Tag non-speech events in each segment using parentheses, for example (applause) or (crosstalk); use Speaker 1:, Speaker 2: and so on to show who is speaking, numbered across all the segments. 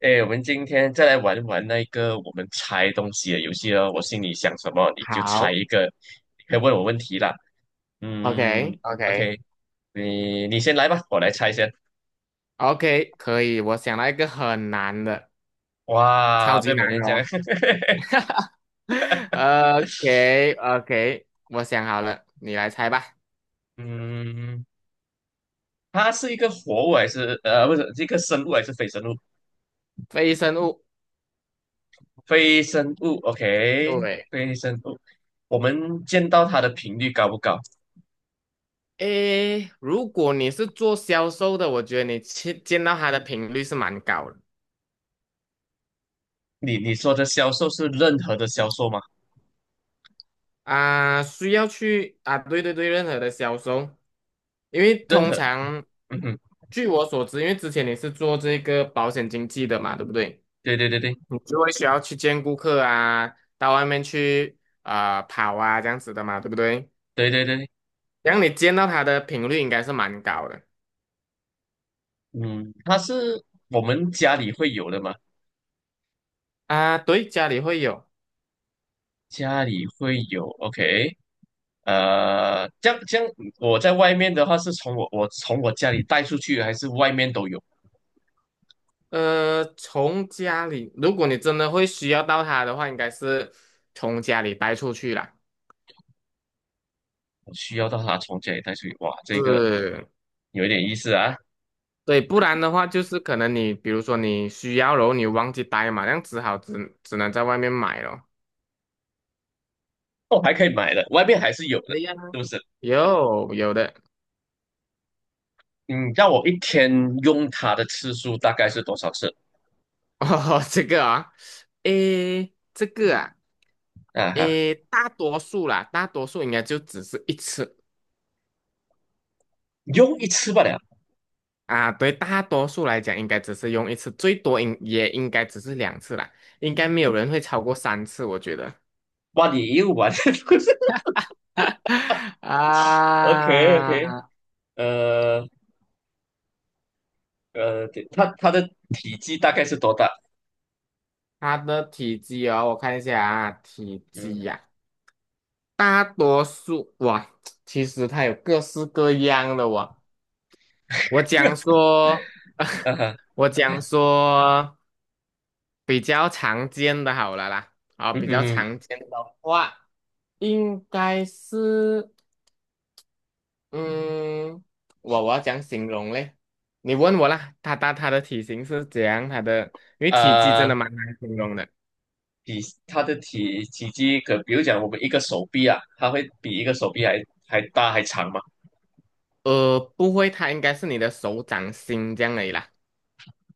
Speaker 1: 哎，我们今天再来玩玩那个我们猜东西的游戏哦。我心里想什么，你就猜
Speaker 2: 好
Speaker 1: 一个，你可以问我问题啦。嗯
Speaker 2: ，OK，OK，OK，
Speaker 1: ，OK，你先来吧，我来猜先。
Speaker 2: 可以。我想到一个很难的，超
Speaker 1: 哇，不
Speaker 2: 级
Speaker 1: 要每
Speaker 2: 难
Speaker 1: 天
Speaker 2: 的
Speaker 1: 这样。
Speaker 2: 哦。
Speaker 1: (laughs)
Speaker 2: (laughs) OK，OK，我想好了，你来猜吧。
Speaker 1: 嗯，它是一个活物还是不是，是一个生物还是非生物？
Speaker 2: 非生物，
Speaker 1: 非生物，OK，
Speaker 2: 对。
Speaker 1: 非生物。我们见到它的频率高不高？
Speaker 2: 诶，如果你是做销售的，我觉得你去见到它的频率是蛮高的
Speaker 1: 你说的销售是任何的销售吗？
Speaker 2: 啊，需要去啊，对对对，任何的销售，因为
Speaker 1: 任
Speaker 2: 通
Speaker 1: 何，
Speaker 2: 常
Speaker 1: 嗯哼，
Speaker 2: 据我所知，因为之前你是做这个保险经纪的嘛，对不对？
Speaker 1: 对对对对
Speaker 2: 你就会需要去见顾客啊，到外面去啊、跑啊这样子的嘛，对不对？
Speaker 1: 对对对
Speaker 2: 然后你见到他的频率应该是蛮高的
Speaker 1: 嗯，它是我们家里会有的吗？
Speaker 2: 啊。对，家里会有，
Speaker 1: 家里会有，OK，这样这样，我在外面的话是从我从我家里带出去，还是外面都有？
Speaker 2: 呃，从家里，如果你真的会需要到它的话，应该是从家里带出去啦。
Speaker 1: 我需要到它从家里带出去，哇，这个
Speaker 2: 是，
Speaker 1: 有一点意思啊，
Speaker 2: 对，不然的话就是可能你比如说你需要，然后你忘记带嘛，那样只好只能在外面买咯。
Speaker 1: 哦，还可以买的，外面还是有的，
Speaker 2: 哎呀，
Speaker 1: 是不是？
Speaker 2: 有的。
Speaker 1: 嗯，让我一天用它的次数大概是多少次？
Speaker 2: (laughs) 哦，这个啊，诶，这个啊。
Speaker 1: 啊哈，
Speaker 2: 诶，大多数啦，大多数应该就只是一次
Speaker 1: 用一次罢了，
Speaker 2: 啊。对，大多数来讲，应该只是用一次，最多应也应该只是两次啦。应该没有人会超过三次，我觉得。
Speaker 1: 哇，你又玩
Speaker 2: (laughs)
Speaker 1: (laughs)，OK OK，
Speaker 2: 啊，
Speaker 1: 呃呃，它的体积大概是多大？
Speaker 2: 它的体积哦，我看一下啊，体积
Speaker 1: 嗯。
Speaker 2: 呀、大多数哇，(tsk) 其实它有各式各样的哇。我讲
Speaker 1: (laughs)
Speaker 2: 说，(laughs)
Speaker 1: 嗯哼，
Speaker 2: 我讲说。比较常见的好了啦，啊，
Speaker 1: 嗯
Speaker 2: 比
Speaker 1: 嗯
Speaker 2: 较
Speaker 1: 哼，
Speaker 2: 常见的话，应该是，嗯，我要讲形容嘞？你问我啦，它的体型是怎样？它的因为体积真
Speaker 1: 呃，
Speaker 2: 的蛮难形容的，
Speaker 1: 比它的体积可，比如讲我们一个手臂啊，它会比一个手臂还大还长嘛，
Speaker 2: 呃，不会，它应该是你的手掌心这样而已啦，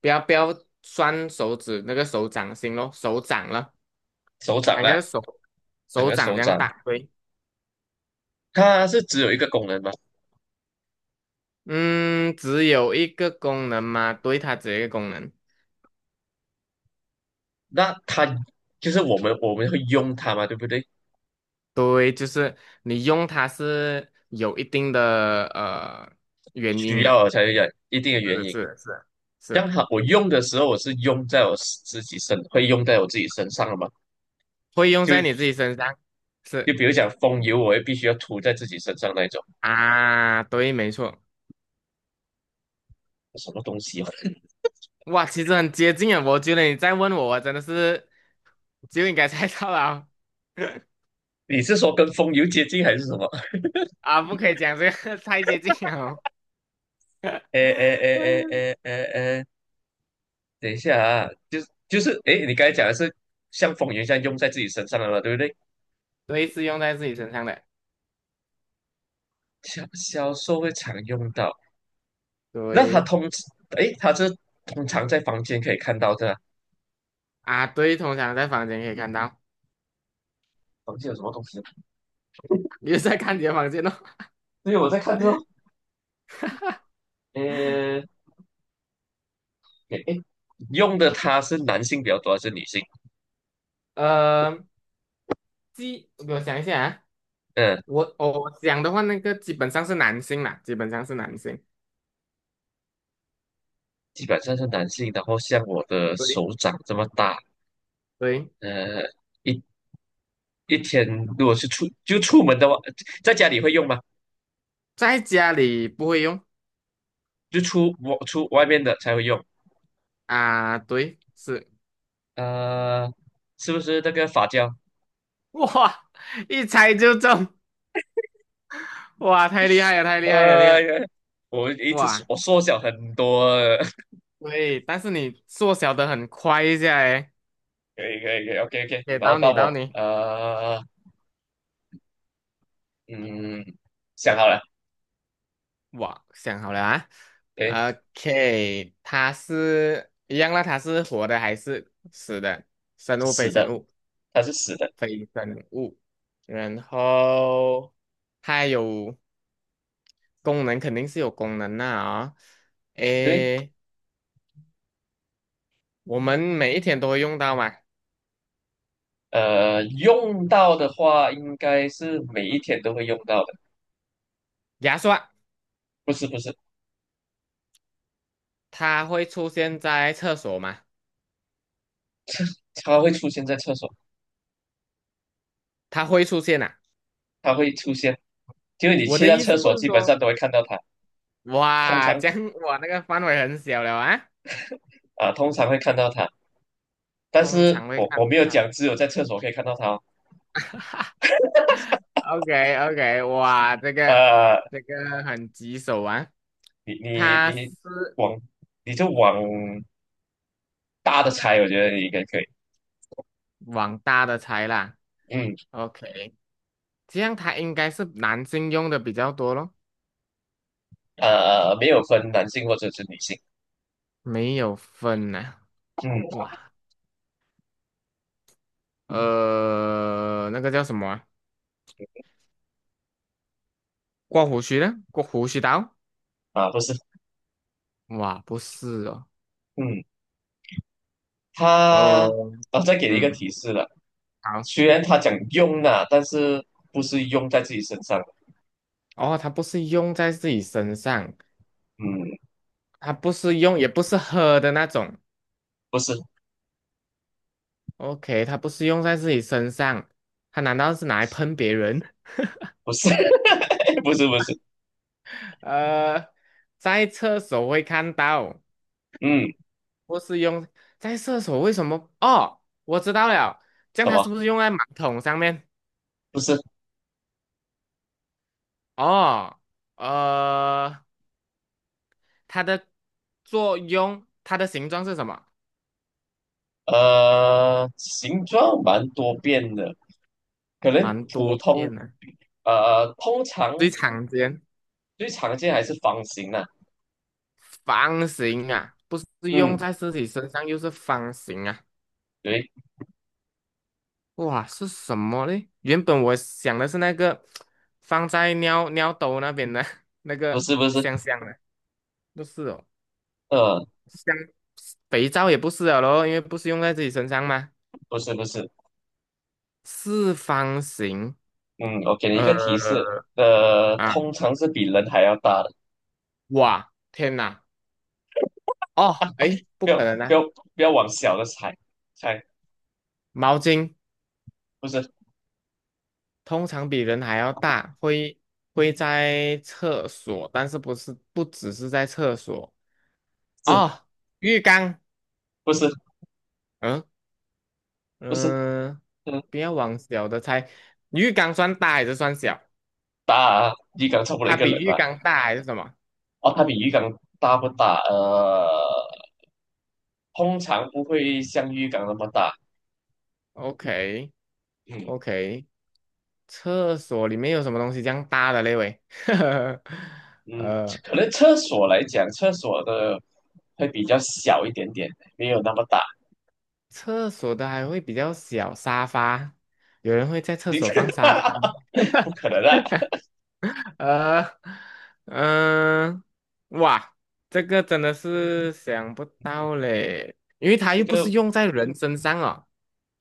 Speaker 2: 不要不要算手指那个手掌心咯，手掌了，
Speaker 1: 手掌
Speaker 2: 它应
Speaker 1: 啦，
Speaker 2: 该是手
Speaker 1: 整
Speaker 2: 手
Speaker 1: 个
Speaker 2: 掌
Speaker 1: 手
Speaker 2: 这样
Speaker 1: 掌，
Speaker 2: 大，对，
Speaker 1: 它是只有一个功能嘛，
Speaker 2: 嗯，只有一个功能嘛，对，它只有一个功能。
Speaker 1: 那它就是我们会用它嘛，对不对？
Speaker 2: 对，就是你用它是有一定的原
Speaker 1: 需
Speaker 2: 因的，
Speaker 1: 要才有一定的原
Speaker 2: 是
Speaker 1: 因，
Speaker 2: 是是
Speaker 1: 让
Speaker 2: 是，
Speaker 1: 它我用的时候，我是用在我自己身，会用在我自己身上了嘛，
Speaker 2: 会用在你自
Speaker 1: 就
Speaker 2: 己身上，是
Speaker 1: 就比如讲风油，我也必须要涂在自己身上那一种，
Speaker 2: 啊，对，没错，
Speaker 1: (laughs) 什么东西啊？
Speaker 2: 哇，其实很接近啊，我觉得你再问我，我真的是就应该猜到了哦 (laughs)
Speaker 1: 你是说跟风油接近还是什么？
Speaker 2: 啊，不可以讲这个 (laughs) 太接近了哦，
Speaker 1: 哎哎哎
Speaker 2: (laughs)
Speaker 1: 哎哎哎哎，等一下啊，就是哎，你刚才讲的是像风云一样用在自己身上的嘛，对不对？
Speaker 2: 对，是用在自己身上的，
Speaker 1: 销售会常用到，那他
Speaker 2: 对
Speaker 1: 通哎，通常在房间可以看到的啊，
Speaker 2: 啊，对，通常在房间可以看到，
Speaker 1: 房间有什么东西？
Speaker 2: (laughs) 你就在看你的房间哦，
Speaker 1: 对，我在看这种，呃，哎哎，用的他是男性比较多还是女性？
Speaker 2: (laughs) 呃，记，我想一下啊。
Speaker 1: 嗯，
Speaker 2: 我讲的话，那个基本上是男性啦，基本上是男性。
Speaker 1: 基本上是男性，然后像我的
Speaker 2: 对
Speaker 1: 手掌这么大，
Speaker 2: 对，
Speaker 1: 呃，一一天如果是出门的话，在家里会用吗？
Speaker 2: 在家里不会用
Speaker 1: 就出外面的才会用，
Speaker 2: 啊，对，是
Speaker 1: 呃，是不是那个发胶？
Speaker 2: (laughs) 哇，一猜就中，哇，太厉害了，太厉害了，这个
Speaker 1: 呀，我一直缩
Speaker 2: 哇，
Speaker 1: 我缩小很多了，
Speaker 2: 对，但是你缩小的很快一下诶，
Speaker 1: (laughs) 可以可以可以，OK OK，
Speaker 2: 给
Speaker 1: 然后
Speaker 2: 到
Speaker 1: 到
Speaker 2: 你，到
Speaker 1: 我
Speaker 2: 你，
Speaker 1: 嗯想好了，
Speaker 2: 哇，想好了啊
Speaker 1: 对，
Speaker 2: ，OK，它是一样啦，它是活的还是死的？生物非
Speaker 1: 死
Speaker 2: 生
Speaker 1: 的，
Speaker 2: 物？
Speaker 1: 它是死的，
Speaker 2: 非生物，然后它有功能，肯定是有功能的啊、
Speaker 1: 对，
Speaker 2: 诶，我们每一天都会用到嘛，
Speaker 1: 呃，用到的话应该是每一天都会用到的，
Speaker 2: 牙刷。
Speaker 1: 不是不是，
Speaker 2: 它会出现在厕所吗？
Speaker 1: 它会出现在厕所，
Speaker 2: 它会出现啊。
Speaker 1: 它会出现，就是你
Speaker 2: 我
Speaker 1: 去
Speaker 2: 的
Speaker 1: 到
Speaker 2: 意
Speaker 1: 厕
Speaker 2: 思不
Speaker 1: 所
Speaker 2: 是
Speaker 1: 基本上
Speaker 2: 说，
Speaker 1: 都会看到它，通
Speaker 2: 哇，
Speaker 1: 常
Speaker 2: 这样我那个范围很小了啊，
Speaker 1: 啊、通常会看到它。但
Speaker 2: 通
Speaker 1: 是
Speaker 2: 常会
Speaker 1: 我
Speaker 2: 看
Speaker 1: 没
Speaker 2: 到
Speaker 1: 有
Speaker 2: 它。
Speaker 1: 讲，只有在厕所可以看到它哦
Speaker 2: o k o k 哇，这个
Speaker 1: 呃，
Speaker 2: 这个很棘手啊，
Speaker 1: 你你
Speaker 2: 它是
Speaker 1: 你往你往大的猜，我觉得你应该可以。
Speaker 2: 往大的猜啦。
Speaker 1: 嗯，
Speaker 2: OK，这样它应该是男性用的比较多咯，
Speaker 1: 呃，没有分男性或者是女性。
Speaker 2: 没有分呐、
Speaker 1: 嗯，
Speaker 2: 哇，呃，那个叫什么啊？刮胡须的，刮胡须刀？
Speaker 1: 啊，不是，
Speaker 2: 哇，不是哦，
Speaker 1: 嗯，
Speaker 2: 呃，
Speaker 1: 它，啊，再给你一个
Speaker 2: 嗯，
Speaker 1: 提示了。
Speaker 2: 好，
Speaker 1: 虽然他讲用啊，但是不是用在自己身上的
Speaker 2: 哦，它不是用在自己身上，
Speaker 1: 嗯，
Speaker 2: 它不是用，也不是喝的那种。
Speaker 1: 不是，
Speaker 2: OK，它不是用在自己身上，它难道是拿来喷别人？
Speaker 1: 不是，(laughs) 不是，不是。
Speaker 2: (laughs) 呃，在厕所会看到，
Speaker 1: 嗯，
Speaker 2: 不是用在厕所，为什么？哦，我知道了，这
Speaker 1: 什
Speaker 2: 样它
Speaker 1: 么？
Speaker 2: 是不是用在马桶上面？
Speaker 1: 不是。
Speaker 2: 哦，呃，它的作用，它的形状是什么？
Speaker 1: 呃，形状蛮多变的，可能
Speaker 2: 蛮
Speaker 1: 普
Speaker 2: 多
Speaker 1: 通
Speaker 2: 变的，
Speaker 1: 呃通
Speaker 2: 最
Speaker 1: 常
Speaker 2: 常见
Speaker 1: 最常见还是方形的、
Speaker 2: 方形啊，不是用
Speaker 1: 嗯，
Speaker 2: 在自己身上，又是方形啊。
Speaker 1: 对，
Speaker 2: 哇，是什么嘞？原本我想的是那个放在尿尿兜那边的 (laughs) 那
Speaker 1: 不
Speaker 2: 个
Speaker 1: 是不是，
Speaker 2: 香香的，不是哦。
Speaker 1: 呃，
Speaker 2: 像肥皂也不是了咯，因为不是用在自己身上吗？
Speaker 1: 不是不是，
Speaker 2: 四方形，
Speaker 1: 嗯，我给你一个
Speaker 2: 呃
Speaker 1: 提示，呃，
Speaker 2: 啊，
Speaker 1: 通常是比人还要大的，
Speaker 2: 哇，天哪，哦，诶，不
Speaker 1: 不要
Speaker 2: 可能
Speaker 1: 不
Speaker 2: 啊！
Speaker 1: 要不要往小的猜猜，
Speaker 2: 毛巾。
Speaker 1: 不是
Speaker 2: 通常比人还要大，会会在厕所，但是不只是在厕所
Speaker 1: 是
Speaker 2: 哦，浴缸，
Speaker 1: 不是
Speaker 2: 嗯
Speaker 1: 不是，
Speaker 2: 嗯、
Speaker 1: 嗯，
Speaker 2: 不要往小的猜，浴缸算大还是算小？
Speaker 1: 大啊鱼缸差不多一
Speaker 2: 它
Speaker 1: 个
Speaker 2: 比
Speaker 1: 人
Speaker 2: 浴
Speaker 1: 吧，
Speaker 2: 缸大还是什么
Speaker 1: 哦，它比鱼缸大不大？呃，通常不会像鱼缸那么大，
Speaker 2: ？OK
Speaker 1: 嗯，
Speaker 2: OK，厕所里面有什么东西这样大的嘞喂？(laughs)
Speaker 1: 嗯，
Speaker 2: 呃，
Speaker 1: 可能厕所来讲，厕所的会比较小一点点，没有那么大。(laughs)
Speaker 2: 厕所的还会比较小，沙发，有人会在厕
Speaker 1: 你
Speaker 2: 所
Speaker 1: 看，
Speaker 2: 放沙发的吗？
Speaker 1: 不可能啊！
Speaker 2: (laughs) 呃，嗯、哇，这个真的是想不到嘞，因为它
Speaker 1: 这
Speaker 2: 又不
Speaker 1: 个
Speaker 2: 是用在人身上哦，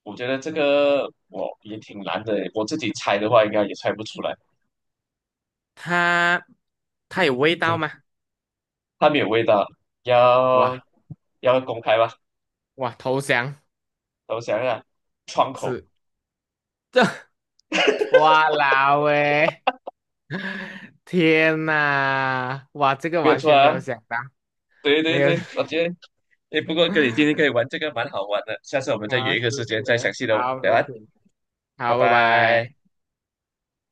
Speaker 1: 我觉得这个我也挺难的，我自己猜的话应该也猜不出来。
Speaker 2: 它它有味道
Speaker 1: 嗯，
Speaker 2: 吗？
Speaker 1: 它没有味道，要
Speaker 2: 哇
Speaker 1: 要公开吧？
Speaker 2: 哇，投降
Speaker 1: 等我想一下，窗口
Speaker 2: 是这，(laughs) 哇啦喂！天呐，哇，这个
Speaker 1: 没有
Speaker 2: 完
Speaker 1: 错
Speaker 2: 全没有
Speaker 1: 啊。
Speaker 2: 想到，
Speaker 1: 对对
Speaker 2: 没有
Speaker 1: 对，我觉得诶，不过跟你今
Speaker 2: (laughs)
Speaker 1: 天可以玩这个蛮好玩的，下次我们再
Speaker 2: 啊，
Speaker 1: 约一
Speaker 2: 是
Speaker 1: 个时间再详
Speaker 2: 是，
Speaker 1: 细的
Speaker 2: 好，没
Speaker 1: 聊啊，
Speaker 2: 问题，
Speaker 1: 拜
Speaker 2: 好，拜
Speaker 1: 拜。
Speaker 2: 拜。